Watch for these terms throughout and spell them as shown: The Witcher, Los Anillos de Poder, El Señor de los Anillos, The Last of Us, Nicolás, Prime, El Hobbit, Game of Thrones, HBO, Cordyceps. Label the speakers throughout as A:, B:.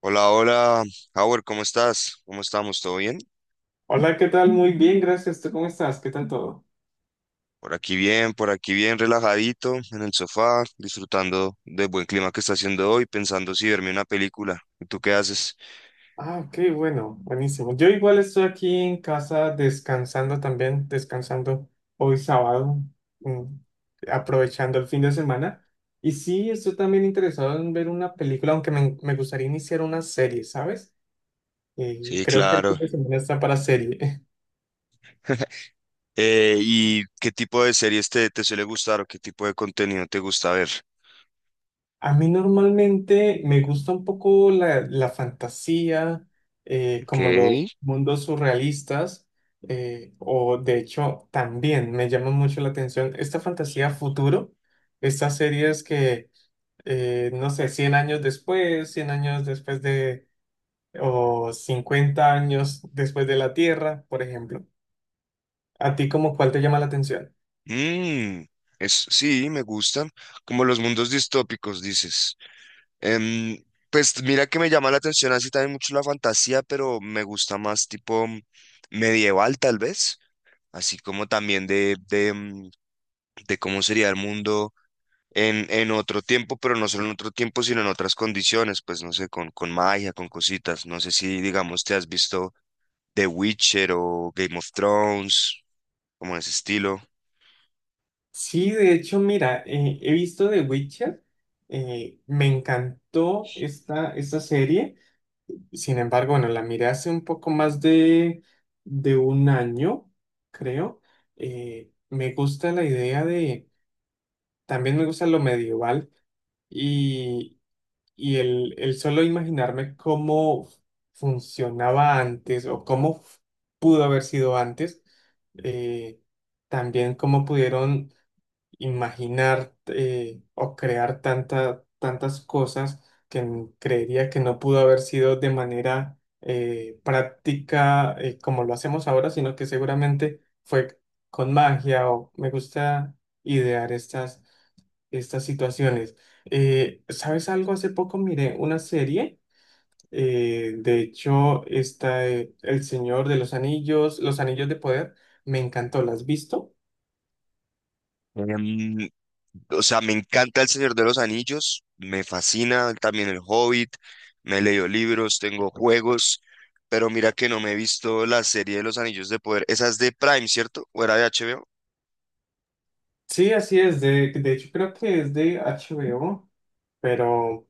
A: Hola, hola, Howard, ¿cómo estás? ¿Cómo estamos? ¿Todo bien?
B: Hola, ¿qué tal? Muy bien, gracias. ¿Tú cómo estás? ¿Qué tal todo?
A: Por aquí bien, por aquí bien, relajadito en el sofá, disfrutando del buen clima que está haciendo hoy, pensando si verme una película. ¿Y tú qué haces?
B: Ok, bueno, buenísimo. Yo igual estoy aquí en casa descansando también, descansando hoy sábado, mm, aprovechando el fin de semana. Y sí, estoy también interesado en ver una película, aunque me gustaría iniciar una serie, ¿sabes? Y
A: Sí,
B: creo que el
A: claro.
B: fin de semana está para serie.
A: ¿y qué tipo de series te suele gustar o qué tipo de contenido te gusta ver?
B: A mí normalmente me gusta un poco la fantasía,
A: Ok.
B: como los mundos surrealistas, o de hecho también me llama mucho la atención esta fantasía futuro, estas series que, no sé, 100 años después de, o 50 años después de la Tierra, por ejemplo. ¿A ti como cuál te llama la atención?
A: Mm, sí, me gustan. Como los mundos distópicos, dices. Em, pues mira que me llama la atención así también mucho la fantasía, pero me gusta más tipo medieval tal vez, así como también de cómo sería el mundo en otro tiempo, pero no solo en otro tiempo, sino en otras condiciones, pues no sé, con magia, con cositas. No sé si, digamos, te has visto The Witcher o Game of Thrones, como en ese estilo.
B: Sí, de hecho, mira, he visto The Witcher, me encantó esta serie, sin embargo, bueno, la miré hace un poco más de un año, creo. Me gusta la idea de, también me gusta lo medieval y, y el solo imaginarme cómo funcionaba antes o cómo pudo haber sido antes, eh, también cómo pudieron imaginar o crear tantas cosas que creería que no pudo haber sido de manera práctica como lo hacemos ahora, sino que seguramente fue con magia o me gusta idear estas situaciones. ¿Sabes algo? Hace poco miré una serie. De hecho, está El Señor de los Anillos, Los Anillos de Poder. Me encantó. ¿Las has visto?
A: Em, O sea, me encanta El Señor de los Anillos, me fascina también El Hobbit, me he leído libros, tengo juegos, pero mira que no me he visto la serie de Los Anillos de Poder. Esa es de Prime, ¿cierto? ¿O era de HBO?
B: Sí, así es. De hecho, creo que es de HBO, pero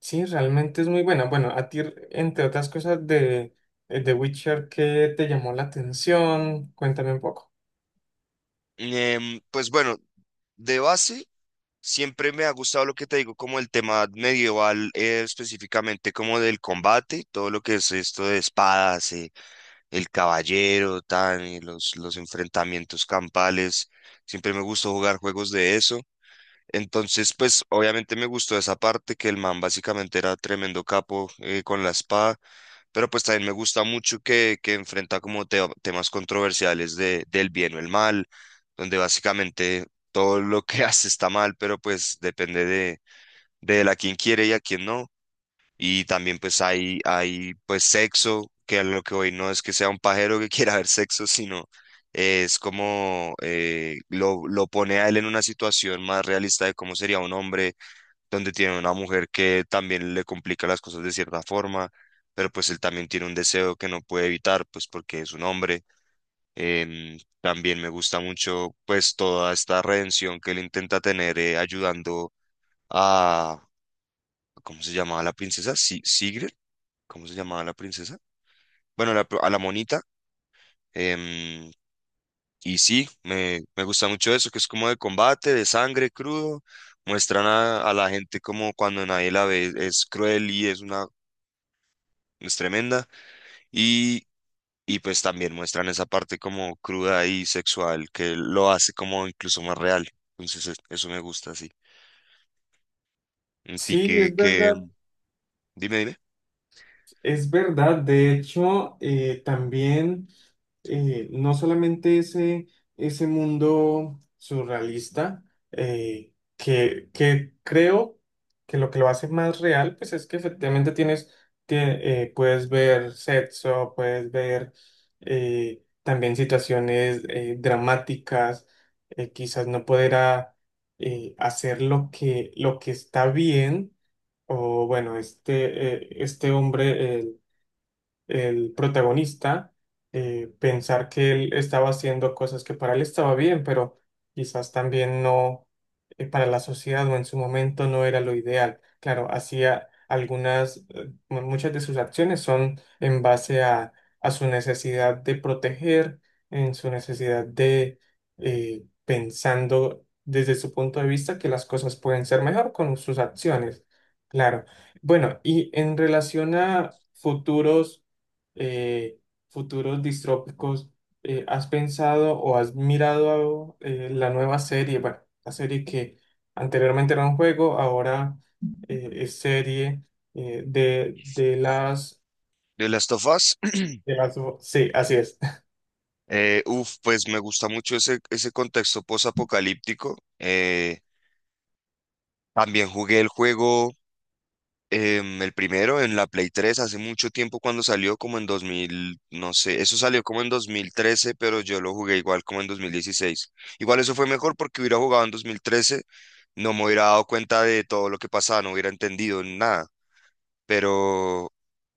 B: sí, realmente es muy buena. Bueno, a ti, entre otras cosas, de The Witcher, ¿qué te llamó la atención? Cuéntame un poco.
A: Pues bueno, de base, siempre me ha gustado lo que te digo, como el tema medieval, específicamente como del combate, todo lo que es esto de espadas, el caballero, tan, y los enfrentamientos campales. Siempre me gustó jugar juegos de eso. Entonces, pues obviamente me gustó esa parte, que el man básicamente era tremendo capo con la espada, pero pues también me gusta mucho que enfrenta como temas controversiales de, del bien o el mal, donde básicamente todo lo que hace está mal, pero pues depende de él a quién quiere y a quién no. Y también pues hay pues sexo, que a lo que hoy no es que sea un pajero que quiera ver sexo, sino es como lo pone a él en una situación más realista de cómo sería un hombre, donde tiene una mujer que también le complica las cosas de cierta forma, pero pues él también tiene un deseo que no puede evitar, pues porque es un hombre. También me gusta mucho pues toda esta redención que él intenta tener ayudando a, ¿cómo se llamaba la princesa? Si, ¿Sigrid? ¿Cómo se llamaba la princesa? Bueno, a la monita. em, y sí, me gusta mucho eso, que es como de combate, de sangre crudo. Muestran a la gente como cuando nadie la ve, es cruel y es tremenda. Y, y pues también muestran esa parte como cruda y sexual, que lo hace como incluso más real. Entonces, eso me gusta, sí. Y
B: Sí,
A: que,
B: es
A: que,
B: verdad.
A: Dime, dime.
B: Es verdad, de hecho, también no solamente ese, ese mundo surrealista, que creo que lo hace más real, pues es que efectivamente tienes, puedes ver sexo, puedes ver también situaciones dramáticas, quizás no poder hacer lo que está bien, o bueno, este, este hombre, el protagonista pensar que él estaba haciendo cosas que para él estaba bien, pero quizás también no para la sociedad o en su momento no era lo ideal. Claro, hacía algunas, muchas de sus acciones son en base a su necesidad de proteger, en su necesidad de pensando desde su punto de vista que las cosas pueden ser mejor con sus acciones. Claro. Bueno, y en relación a futuros eh, futuros distrópicos, ¿has pensado o has mirado la nueva serie? Bueno, la serie que anteriormente era un juego, ahora es serie de las...
A: De Last of Us.
B: De las... Sí, así es.
A: Uf, pues me gusta mucho ese contexto posapocalíptico. También jugué el juego, el primero, en la Play 3 hace mucho tiempo cuando salió, como en 2000, no sé, eso salió como en 2013, pero yo lo jugué igual como en 2016. Igual eso fue mejor porque hubiera jugado en 2013, no me hubiera dado cuenta de todo lo que pasaba, no hubiera entendido nada, pero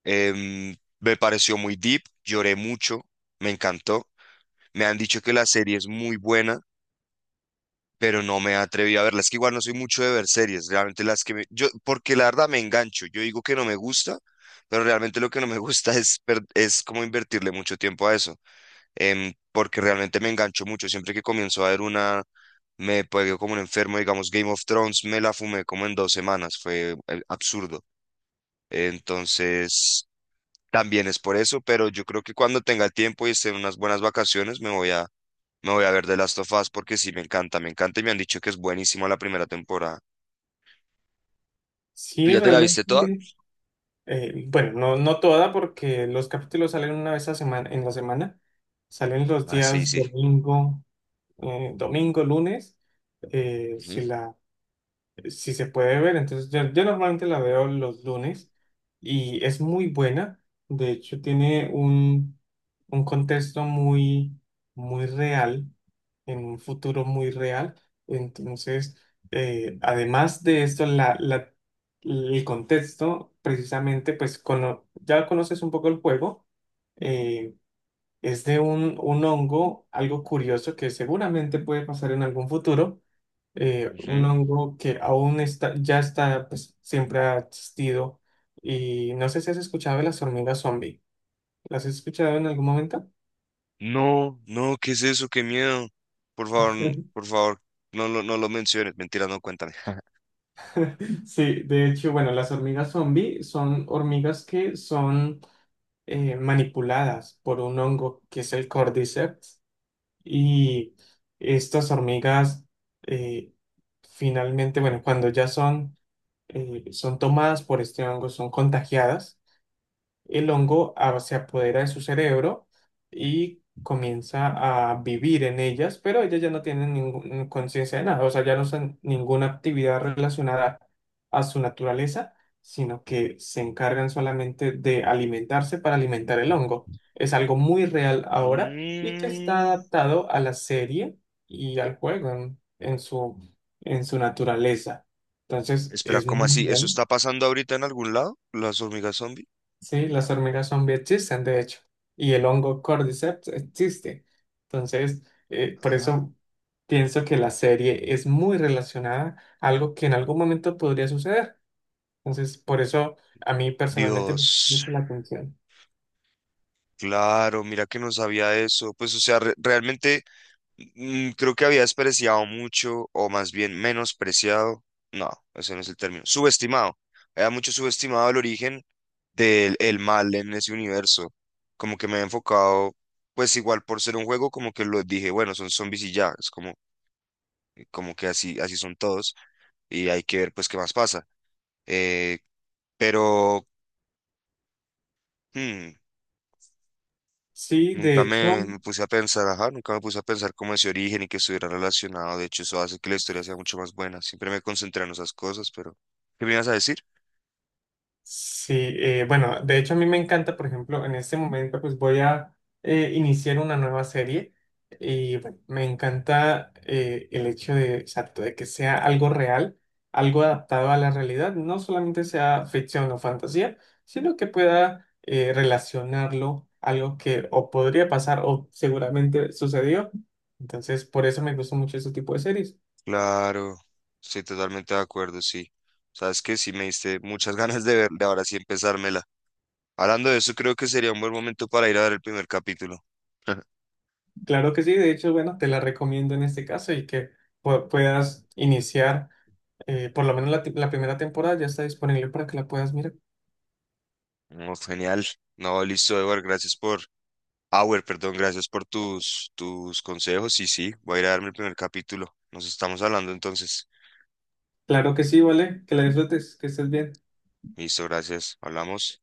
A: me pareció muy deep, lloré mucho, me encantó. Me han dicho que la serie es muy buena, pero no me atreví a verla. Es que igual no soy mucho de ver series, realmente las que me... Yo, porque la verdad me engancho, yo digo que no me gusta, pero realmente lo que no me gusta es, es como invertirle mucho tiempo a eso, porque realmente me engancho mucho. Siempre que comienzo a ver una, me pego como un enfermo, digamos, Game of Thrones, me la fumé como en dos semanas, fue absurdo. Entonces, también es por eso, pero yo creo que cuando tenga el tiempo y esté en unas buenas vacaciones, me voy a ver The Last of Us porque sí, me encanta y me han dicho que es buenísima la primera temporada. ¿Tú
B: Sí,
A: ya te la
B: realmente,
A: viste toda?
B: bueno, no, no toda porque los capítulos salen una vez a semana, en la semana, salen los
A: Ah, sí,
B: días
A: sí.
B: domingo, domingo, lunes, eh, si
A: Ujú,
B: la si se puede ver. Entonces, yo normalmente la veo los lunes y es muy buena. De hecho, tiene un contexto muy, muy real, en un futuro muy real. Entonces, además de esto, el contexto, precisamente, pues ya conoces un poco el juego. eh, es de un hongo, algo curioso que seguramente puede pasar en algún futuro un
A: ujú.
B: hongo que aún está, ya está, pues siempre ha existido. Y no sé si has escuchado de las hormigas zombie. ¿Las has escuchado en algún momento?
A: No, no, ¿qué es eso? Qué miedo. Por favor, por favor, no lo menciones. Mentira, no, cuéntame.
B: Sí, de hecho, bueno, las hormigas zombie son hormigas que son manipuladas por un hongo que es el Cordyceps. Y estas hormigas eh, finalmente, bueno, cuando ya son, son tomadas por este hongo, son contagiadas. El hongo se apodera de su cerebro y comienza a vivir en ellas, pero ellas ya no tienen ninguna conciencia de nada, o sea, ya no hacen ninguna actividad relacionada a su naturaleza, sino que se encargan solamente de alimentarse para alimentar el hongo. Es algo muy real ahora y que está
A: Mm,
B: adaptado a la serie y al juego en su naturaleza. Entonces,
A: espera,
B: es
A: ¿cómo
B: muy
A: así? ¿Eso
B: bien.
A: está pasando ahorita en algún lado? ¿Las hormigas zombie?
B: Sí, las hormigas zombie existen, de hecho, y el hongo Cordyceps existe. Entonces, por
A: Ah.
B: eso pienso que la serie es muy relacionada a algo que en algún momento podría suceder. Entonces, por eso a mí personalmente me llama
A: Dios,
B: mucho la atención.
A: claro, mira que no sabía eso. Pues, o sea, realmente, mm, creo que había despreciado mucho, o más bien menospreciado. No, ese no es el término. Subestimado. Había mucho subestimado el origen del el mal en ese universo. Como que me he enfocado, pues igual por ser un juego, como que lo dije, bueno, son zombies y ya. Es como, como que así, así son todos. Y hay que ver pues qué más pasa. Eh, pero mm,
B: Sí, de
A: Nunca
B: hecho,
A: me puse a pensar, ajá, nunca me puse a pensar cómo ese origen y que estuviera relacionado. De hecho, eso hace que la historia sea mucho más buena. Siempre me concentré en esas cosas, pero ¿qué me ibas a decir?
B: sí, bueno, de hecho a mí me encanta, por ejemplo, en este momento pues voy a iniciar una nueva serie y bueno, me encanta el hecho de, exacto, de que sea algo real, algo adaptado a la realidad, no solamente sea ficción o fantasía, sino que pueda relacionarlo, algo que o podría pasar o seguramente sucedió. Entonces, por eso me gusta mucho este tipo de series.
A: Claro, estoy totalmente de acuerdo, sí. Sabes que sí me diste muchas ganas de verla, ahora sí empezármela. Hablando de eso, creo que sería un buen momento para ir a ver el primer capítulo.
B: Claro que sí, de hecho, bueno, te la recomiendo en este caso y que puedas iniciar. Por lo menos la primera temporada ya está disponible para que la puedas mirar.
A: No, genial. No, listo, Edward, gracias por, Auer, perdón, gracias por tus consejos. Sí, sí, voy a ir a darme el primer capítulo. Nos estamos hablando entonces.
B: Claro que sí, vale. Que la disfrutes, que estés bien.
A: Listo, gracias. Hablamos.